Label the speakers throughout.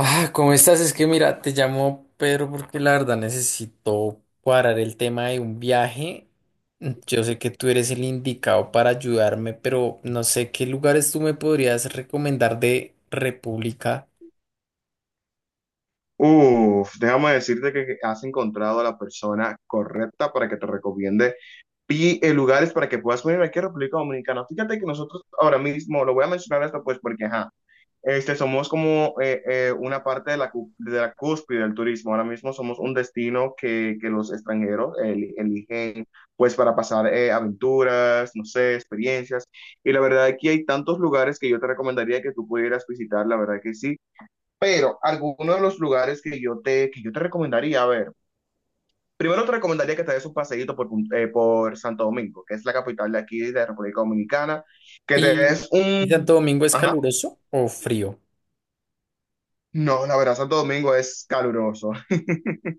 Speaker 1: Ah, ¿cómo estás? Es que mira, te llamo Pedro porque la verdad necesito cuadrar el tema de un viaje. Yo sé que tú eres el indicado para ayudarme, pero no sé qué lugares tú me podrías recomendar de República.
Speaker 2: Uf, déjame decirte que has encontrado a la persona correcta para que te recomiende y lugares para que puedas venir aquí a República Dominicana. Fíjate que nosotros ahora mismo, lo voy a mencionar esto pues porque, ajá, somos como una parte de de la cúspide del turismo. Ahora mismo somos un destino que los extranjeros eligen pues para pasar aventuras, no sé, experiencias. Y la verdad aquí hay tantos lugares que yo te recomendaría que tú pudieras visitar, la verdad que sí. Pero algunos de los lugares que yo te recomendaría, a ver, primero te recomendaría que te des un paseíto por Santo Domingo, que es la capital de aquí, de República Dominicana, que te
Speaker 1: ¿Y,
Speaker 2: des
Speaker 1: y
Speaker 2: un...
Speaker 1: Santo Domingo es
Speaker 2: Ajá.
Speaker 1: caluroso o frío?
Speaker 2: No, la verdad, Santo Domingo es caluroso.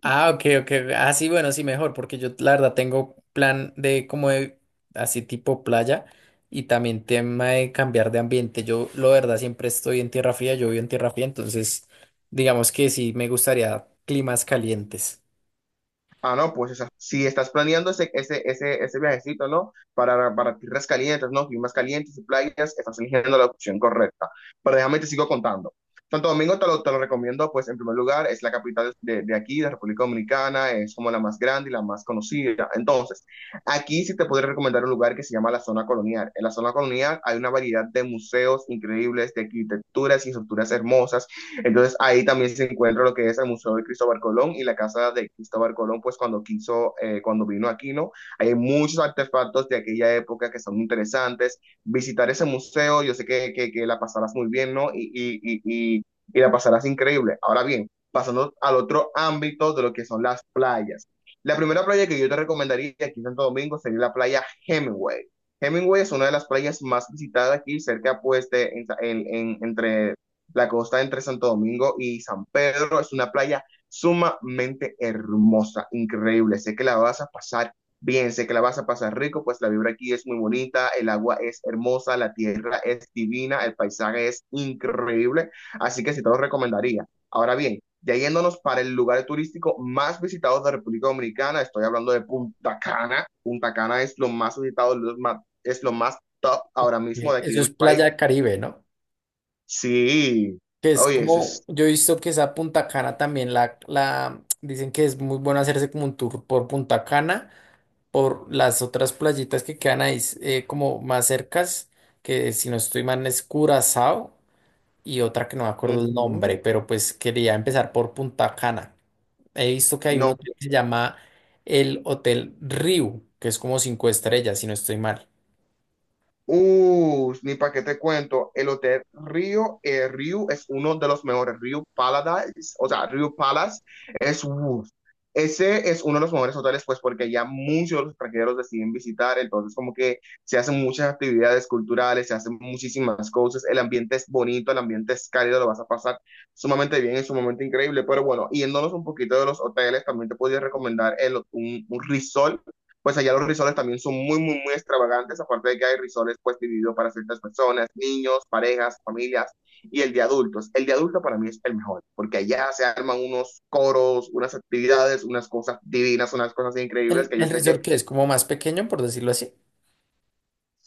Speaker 1: Ah, ok, ok. Ah, sí, bueno, sí, mejor, porque yo la verdad tengo plan de como de así tipo playa y también tema de cambiar de ambiente. Yo, la verdad, siempre estoy en tierra fría, yo vivo en tierra fría, entonces digamos que sí me gustaría climas calientes.
Speaker 2: Ah, no, pues o sea, si estás planeando ese viajecito, ¿no? Para tierras calientes, ¿no? Climas calientes y playas, estás eligiendo la opción correcta. Pero déjame te sigo contando. Santo Domingo te lo recomiendo, pues en primer lugar, es la capital de aquí, de República Dominicana, es como la más grande y la más conocida. Entonces, aquí sí te podría recomendar un lugar que se llama la zona colonial. En la zona colonial hay una variedad de museos increíbles, de arquitecturas y estructuras hermosas. Entonces ahí también se encuentra lo que es el Museo de Cristóbal Colón y la casa de Cristóbal Colón, pues cuando quiso, cuando vino aquí, ¿no? Hay muchos artefactos de aquella época que son interesantes. Visitar ese museo, yo sé que la pasarás muy bien, ¿no? Y la pasarás increíble. Ahora bien, pasando al otro ámbito de lo que son las playas. La primera playa que yo te recomendaría aquí en Santo Domingo sería la playa Hemingway. Hemingway es una de las playas más visitadas aquí, cerca pues entre la costa entre Santo Domingo y San Pedro. Es una playa sumamente hermosa, increíble. Sé que la vas a pasar bien, sé que la vas a pasar rico, pues la vibra aquí es muy bonita, el agua es hermosa, la tierra es divina, el paisaje es increíble, así que sí te lo recomendaría. Ahora bien, ya yéndonos para el lugar turístico más visitado de República Dominicana, estoy hablando de Punta Cana. Punta Cana es lo más visitado, lo más, es lo más top ahora mismo
Speaker 1: Y
Speaker 2: de aquí
Speaker 1: eso
Speaker 2: de mi
Speaker 1: es
Speaker 2: país.
Speaker 1: Playa Caribe, ¿no?
Speaker 2: Sí,
Speaker 1: Que es
Speaker 2: oye, eso
Speaker 1: como,
Speaker 2: es.
Speaker 1: yo he visto que esa Punta Cana también la, dicen que es muy bueno hacerse como un tour por Punta Cana por las otras playitas que quedan ahí como más cercas, que si no estoy mal es Curazao y otra que no me acuerdo el nombre,
Speaker 2: Ujú.
Speaker 1: pero pues quería empezar por Punta Cana. He visto que hay un
Speaker 2: No,
Speaker 1: hotel que se llama el Hotel Riu, que es como cinco estrellas, si no estoy mal.
Speaker 2: ni para qué te cuento, el hotel Río, Río es uno de los mejores, Río Paradise, o sea, Río Palace es, ese es uno de los mejores hoteles, pues porque ya muchos de los extranjeros deciden visitar, entonces como que se hacen muchas actividades culturales, se hacen muchísimas cosas, el ambiente es bonito, el ambiente es cálido, lo vas a pasar sumamente bien, es sumamente increíble, pero bueno, yéndonos un poquito de los hoteles, también te podría recomendar un resort. Pues allá los risoles también son muy, muy, muy extravagantes, aparte de que hay risoles pues divididos para ciertas personas, niños, parejas, familias y el de adultos. El de adultos para mí es el mejor, porque allá se arman unos coros, unas actividades, unas cosas divinas, unas cosas
Speaker 1: El,
Speaker 2: increíbles que yo
Speaker 1: el
Speaker 2: sé que
Speaker 1: resort que es como más pequeño, por decirlo así.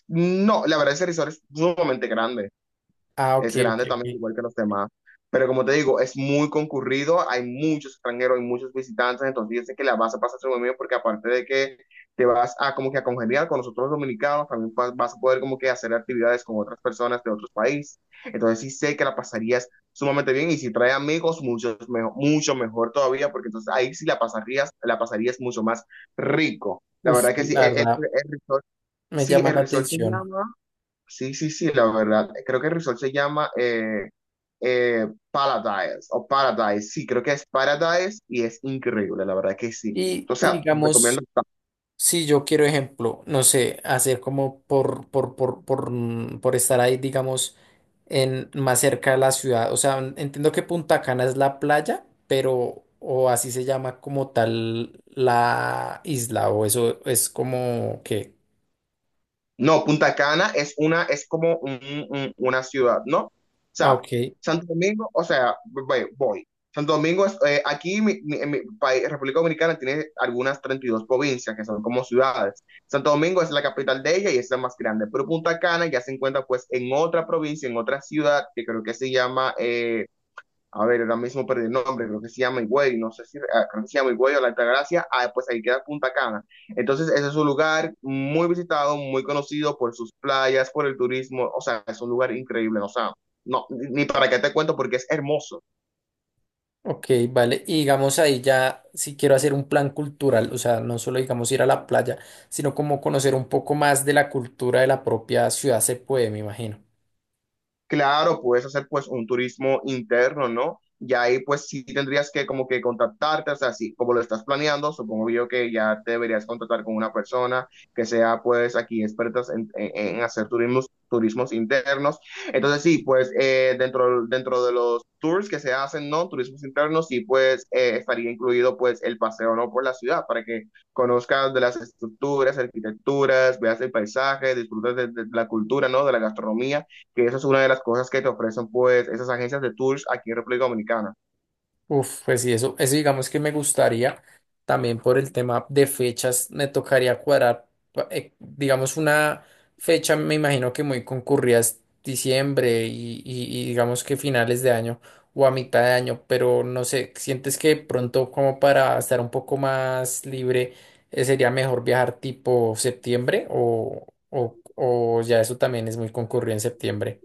Speaker 2: no, la verdad ese risol es sumamente grande.
Speaker 1: Ah, ok,
Speaker 2: Es
Speaker 1: ok,
Speaker 2: grande también,
Speaker 1: ok.
Speaker 2: igual que los demás. Pero como te digo, es muy concurrido, hay muchos extranjeros, hay muchos visitantes, entonces yo sé que la vas a pasar súper bien, porque aparte de que te vas a como que a congeniar con nosotros los dominicanos, también vas a poder como que hacer actividades con otras personas de otros países. Entonces sí sé que la pasarías sumamente bien, y si traes amigos, mucho mejor todavía, porque entonces ahí sí la pasarías mucho más rico. La
Speaker 1: Uf,
Speaker 2: verdad que sí,
Speaker 1: la verdad
Speaker 2: el resort,
Speaker 1: me
Speaker 2: sí,
Speaker 1: llama
Speaker 2: el
Speaker 1: la
Speaker 2: resort se
Speaker 1: atención.
Speaker 2: llama... Sí, sí, sí, la verdad. Creo que el resort se llama Paradise o Paradise. Sí, creo que es Paradise y es increíble, la verdad que sí.
Speaker 1: Y,
Speaker 2: O
Speaker 1: y
Speaker 2: sea, recomiendo.
Speaker 1: digamos, si yo quiero, ejemplo, no sé, hacer como por, por estar ahí, digamos, en, más cerca de la ciudad. O sea, entiendo que Punta Cana es la playa, pero, o así se llama como tal la isla, o eso es como que.
Speaker 2: No, Punta Cana es una, es como una ciudad, ¿no? O
Speaker 1: Ah,
Speaker 2: sea,
Speaker 1: ok,
Speaker 2: Santo Domingo, o sea, voy. Santo Domingo es, aquí en mi país, República Dominicana tiene algunas 32 provincias que son como ciudades. Santo Domingo es la capital de ella y es la más grande, pero Punta Cana ya se encuentra pues en otra provincia, en otra ciudad que creo que se llama a ver, ahora mismo perdí el nombre, creo que se llama Higüey, no sé si, ah, creo que se llama Higüey o La Altagracia, ah, pues ahí queda Punta Cana. Entonces, ese es un lugar muy visitado, muy conocido por sus playas, por el turismo, o sea, es un lugar increíble, o sea, no, ni para qué te cuento porque es hermoso.
Speaker 1: ok, vale. Y digamos ahí ya, si quiero hacer un plan cultural, o sea, no solo digamos ir a la playa, sino como conocer un poco más de la cultura de la propia ciudad, se puede, me imagino.
Speaker 2: Claro, puedes hacer pues un turismo interno, ¿no? Y ahí pues sí tendrías que como que contactarte, o sea, así como lo estás planeando, supongo yo que ya te deberías contactar con una persona que sea pues aquí expertas en hacer turismos, turismos internos. Entonces sí, pues dentro de los tours que se hacen, ¿no? Turismos internos, sí pues estaría incluido pues el paseo, ¿no? Por la ciudad para que conozcas de las estructuras, arquitecturas, veas el paisaje, disfrutes de la cultura, ¿no? De la gastronomía, que esa es una de las cosas que te ofrecen pues esas agencias de tours aquí en República Dominicana.
Speaker 1: Uf, pues sí, eso digamos que me gustaría también por el tema de fechas, me tocaría cuadrar, digamos, una fecha, me imagino que muy concurrida es diciembre y digamos que finales de año o a mitad de año, pero no sé, ¿sientes que pronto como para estar un poco más libre, sería mejor viajar tipo septiembre o ya eso también es muy concurrido en septiembre?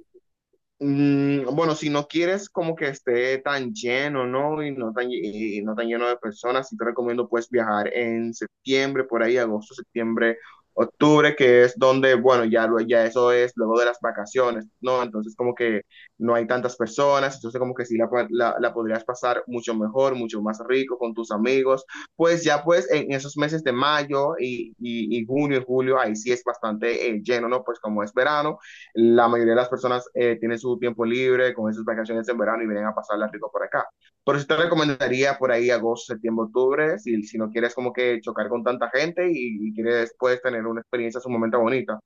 Speaker 2: Mm, bueno, si no quieres como que esté tan lleno, ¿no? Y no tan lleno de personas, sí te recomiendo pues viajar en septiembre, por ahí, agosto, septiembre, octubre, que es donde, bueno, ya, ya eso es luego de las vacaciones, ¿no? Entonces como que no hay tantas personas, entonces como que sí la podrías pasar mucho mejor, mucho más rico con tus amigos. Pues ya pues en esos meses de mayo y junio y julio, ahí sí es bastante lleno, ¿no? Pues como es verano. La mayoría de las personas tienen su tiempo libre con esas vacaciones en verano y vienen a pasarla rico por acá. Por eso te recomendaría por ahí agosto, septiembre, octubre, si no quieres como que chocar con tanta gente y quieres después tener una experiencia sumamente bonita.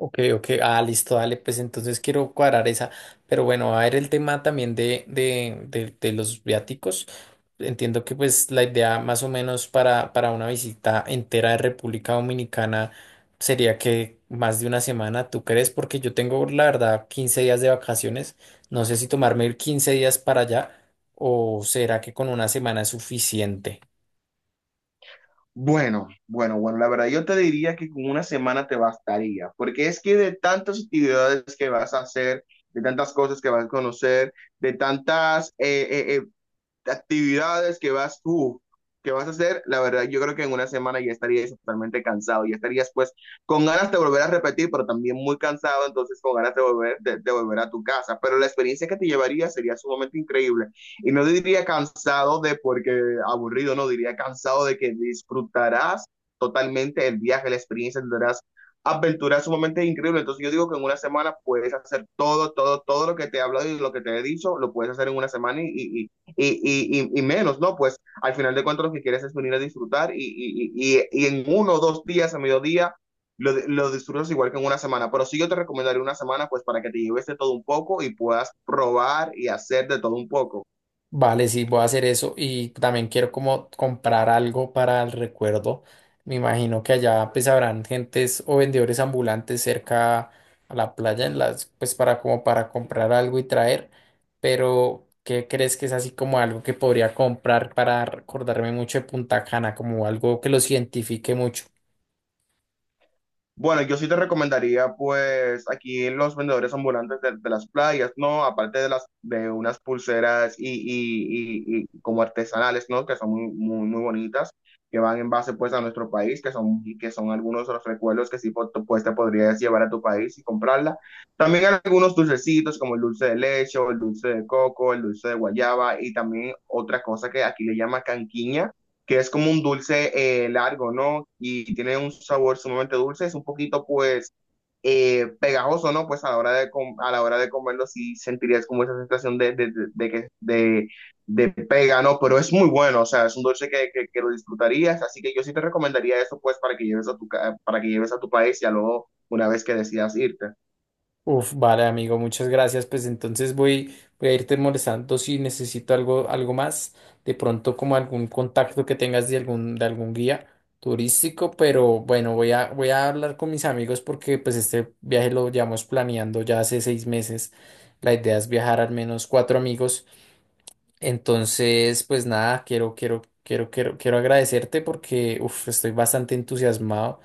Speaker 1: Ok, ok, ah, listo, dale, pues entonces quiero cuadrar esa, pero bueno, va a ver el tema también de los viáticos. Entiendo que pues la idea más o menos para una visita entera de República Dominicana sería que más de una semana, ¿tú crees? Porque yo tengo la verdad 15 días de vacaciones, no sé si tomarme 15 días para allá o será que con una semana es suficiente.
Speaker 2: Bueno, bueno, bueno, la verdad yo te diría que con una semana te bastaría, porque es que de tantas actividades que vas a hacer, de tantas cosas que vas a conocer, de tantas actividades que vas a hacer, la verdad, yo creo que en una semana ya estarías totalmente cansado, ya estarías pues con ganas de volver a repetir, pero también muy cansado, entonces con ganas de volver, de volver a tu casa. Pero la experiencia que te llevaría sería sumamente increíble. Y no diría cansado de porque aburrido, no diría cansado de que disfrutarás totalmente el viaje, la experiencia, tendrás aventuras sumamente increíbles. Entonces yo digo que en una semana puedes hacer todo, todo, todo lo que te he hablado y lo que te he dicho, lo puedes hacer en una semana y menos, ¿no? Pues al final de cuentas lo que quieres es venir a disfrutar y, y en uno o dos días a mediodía disfrutas igual que en una semana, pero sí yo te recomendaría una semana pues para que te lleves de todo un poco y puedas probar y hacer de todo un poco.
Speaker 1: Vale, sí, voy a hacer eso y también quiero como comprar algo para el recuerdo. Me imagino que allá pues habrán gentes o vendedores ambulantes cerca a la playa en las pues para como para comprar algo y traer, pero ¿qué crees que es así como algo que podría comprar para recordarme mucho de Punta Cana, como algo que los identifique mucho?
Speaker 2: Bueno, yo sí te recomendaría, pues, aquí los vendedores ambulantes de las playas, ¿no? Aparte de las, de unas pulseras y como artesanales, ¿no? Que son muy, muy, muy bonitas, que van en base, pues, a nuestro país, que son algunos de los recuerdos que sí, pues, te podrías llevar a tu país y comprarla. También hay algunos dulcecitos, como el dulce de leche, o el dulce de coco, el dulce de guayaba, y también otra cosa que aquí le llama canquiña, que es como un dulce largo, ¿no? Y tiene un sabor sumamente dulce, es un poquito pues pegajoso, ¿no? Pues a la hora de, a la hora de comerlo sí sentirías como esa sensación de pega, ¿no? Pero es muy bueno, o sea, es un dulce que lo disfrutarías, así que yo sí te recomendaría eso pues para que lleves a para que lleves a tu país ya luego una vez que decidas irte.
Speaker 1: Uf, vale, amigo, muchas gracias. Pues entonces voy a irte molestando si necesito algo más. De pronto, como algún contacto que tengas de algún guía turístico, pero bueno, voy a hablar con mis amigos porque pues este viaje lo llevamos planeando ya hace 6 meses. La idea es viajar al menos cuatro amigos. Entonces, pues nada, quiero agradecerte porque uf, estoy bastante entusiasmado.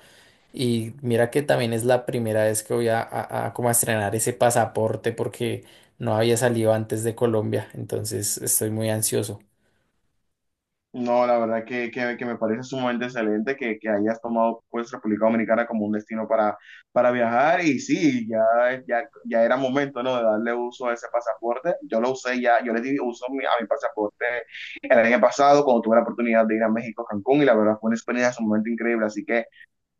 Speaker 1: Y mira que también es la primera vez que voy a como a estrenar ese pasaporte porque no había salido antes de Colombia, entonces estoy muy ansioso.
Speaker 2: No, la verdad que me parece sumamente excelente que hayas tomado pues República Dominicana como un destino para viajar y sí, ya era momento, ¿no? De darle uso a ese pasaporte. Yo lo usé ya, yo le di uso a a mi pasaporte el año pasado cuando tuve la oportunidad de ir a México, Cancún, y la verdad fue una experiencia sumamente increíble. Así que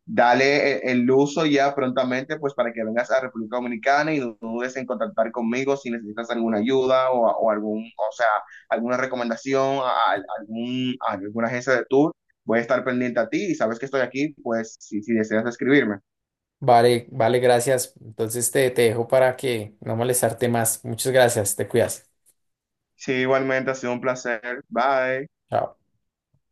Speaker 2: dale el uso ya prontamente, pues para que vengas a República Dominicana, y no dudes en contactar conmigo si necesitas alguna ayuda o algún, o sea, alguna recomendación a algún, a alguna agencia de tour. Voy a estar pendiente a ti y sabes que estoy aquí, pues si deseas escribirme.
Speaker 1: Vale, vale, gracias. Entonces te dejo para que no molestarte más. Muchas gracias, te cuidas.
Speaker 2: Sí, igualmente ha sido un placer. Bye.
Speaker 1: Chao.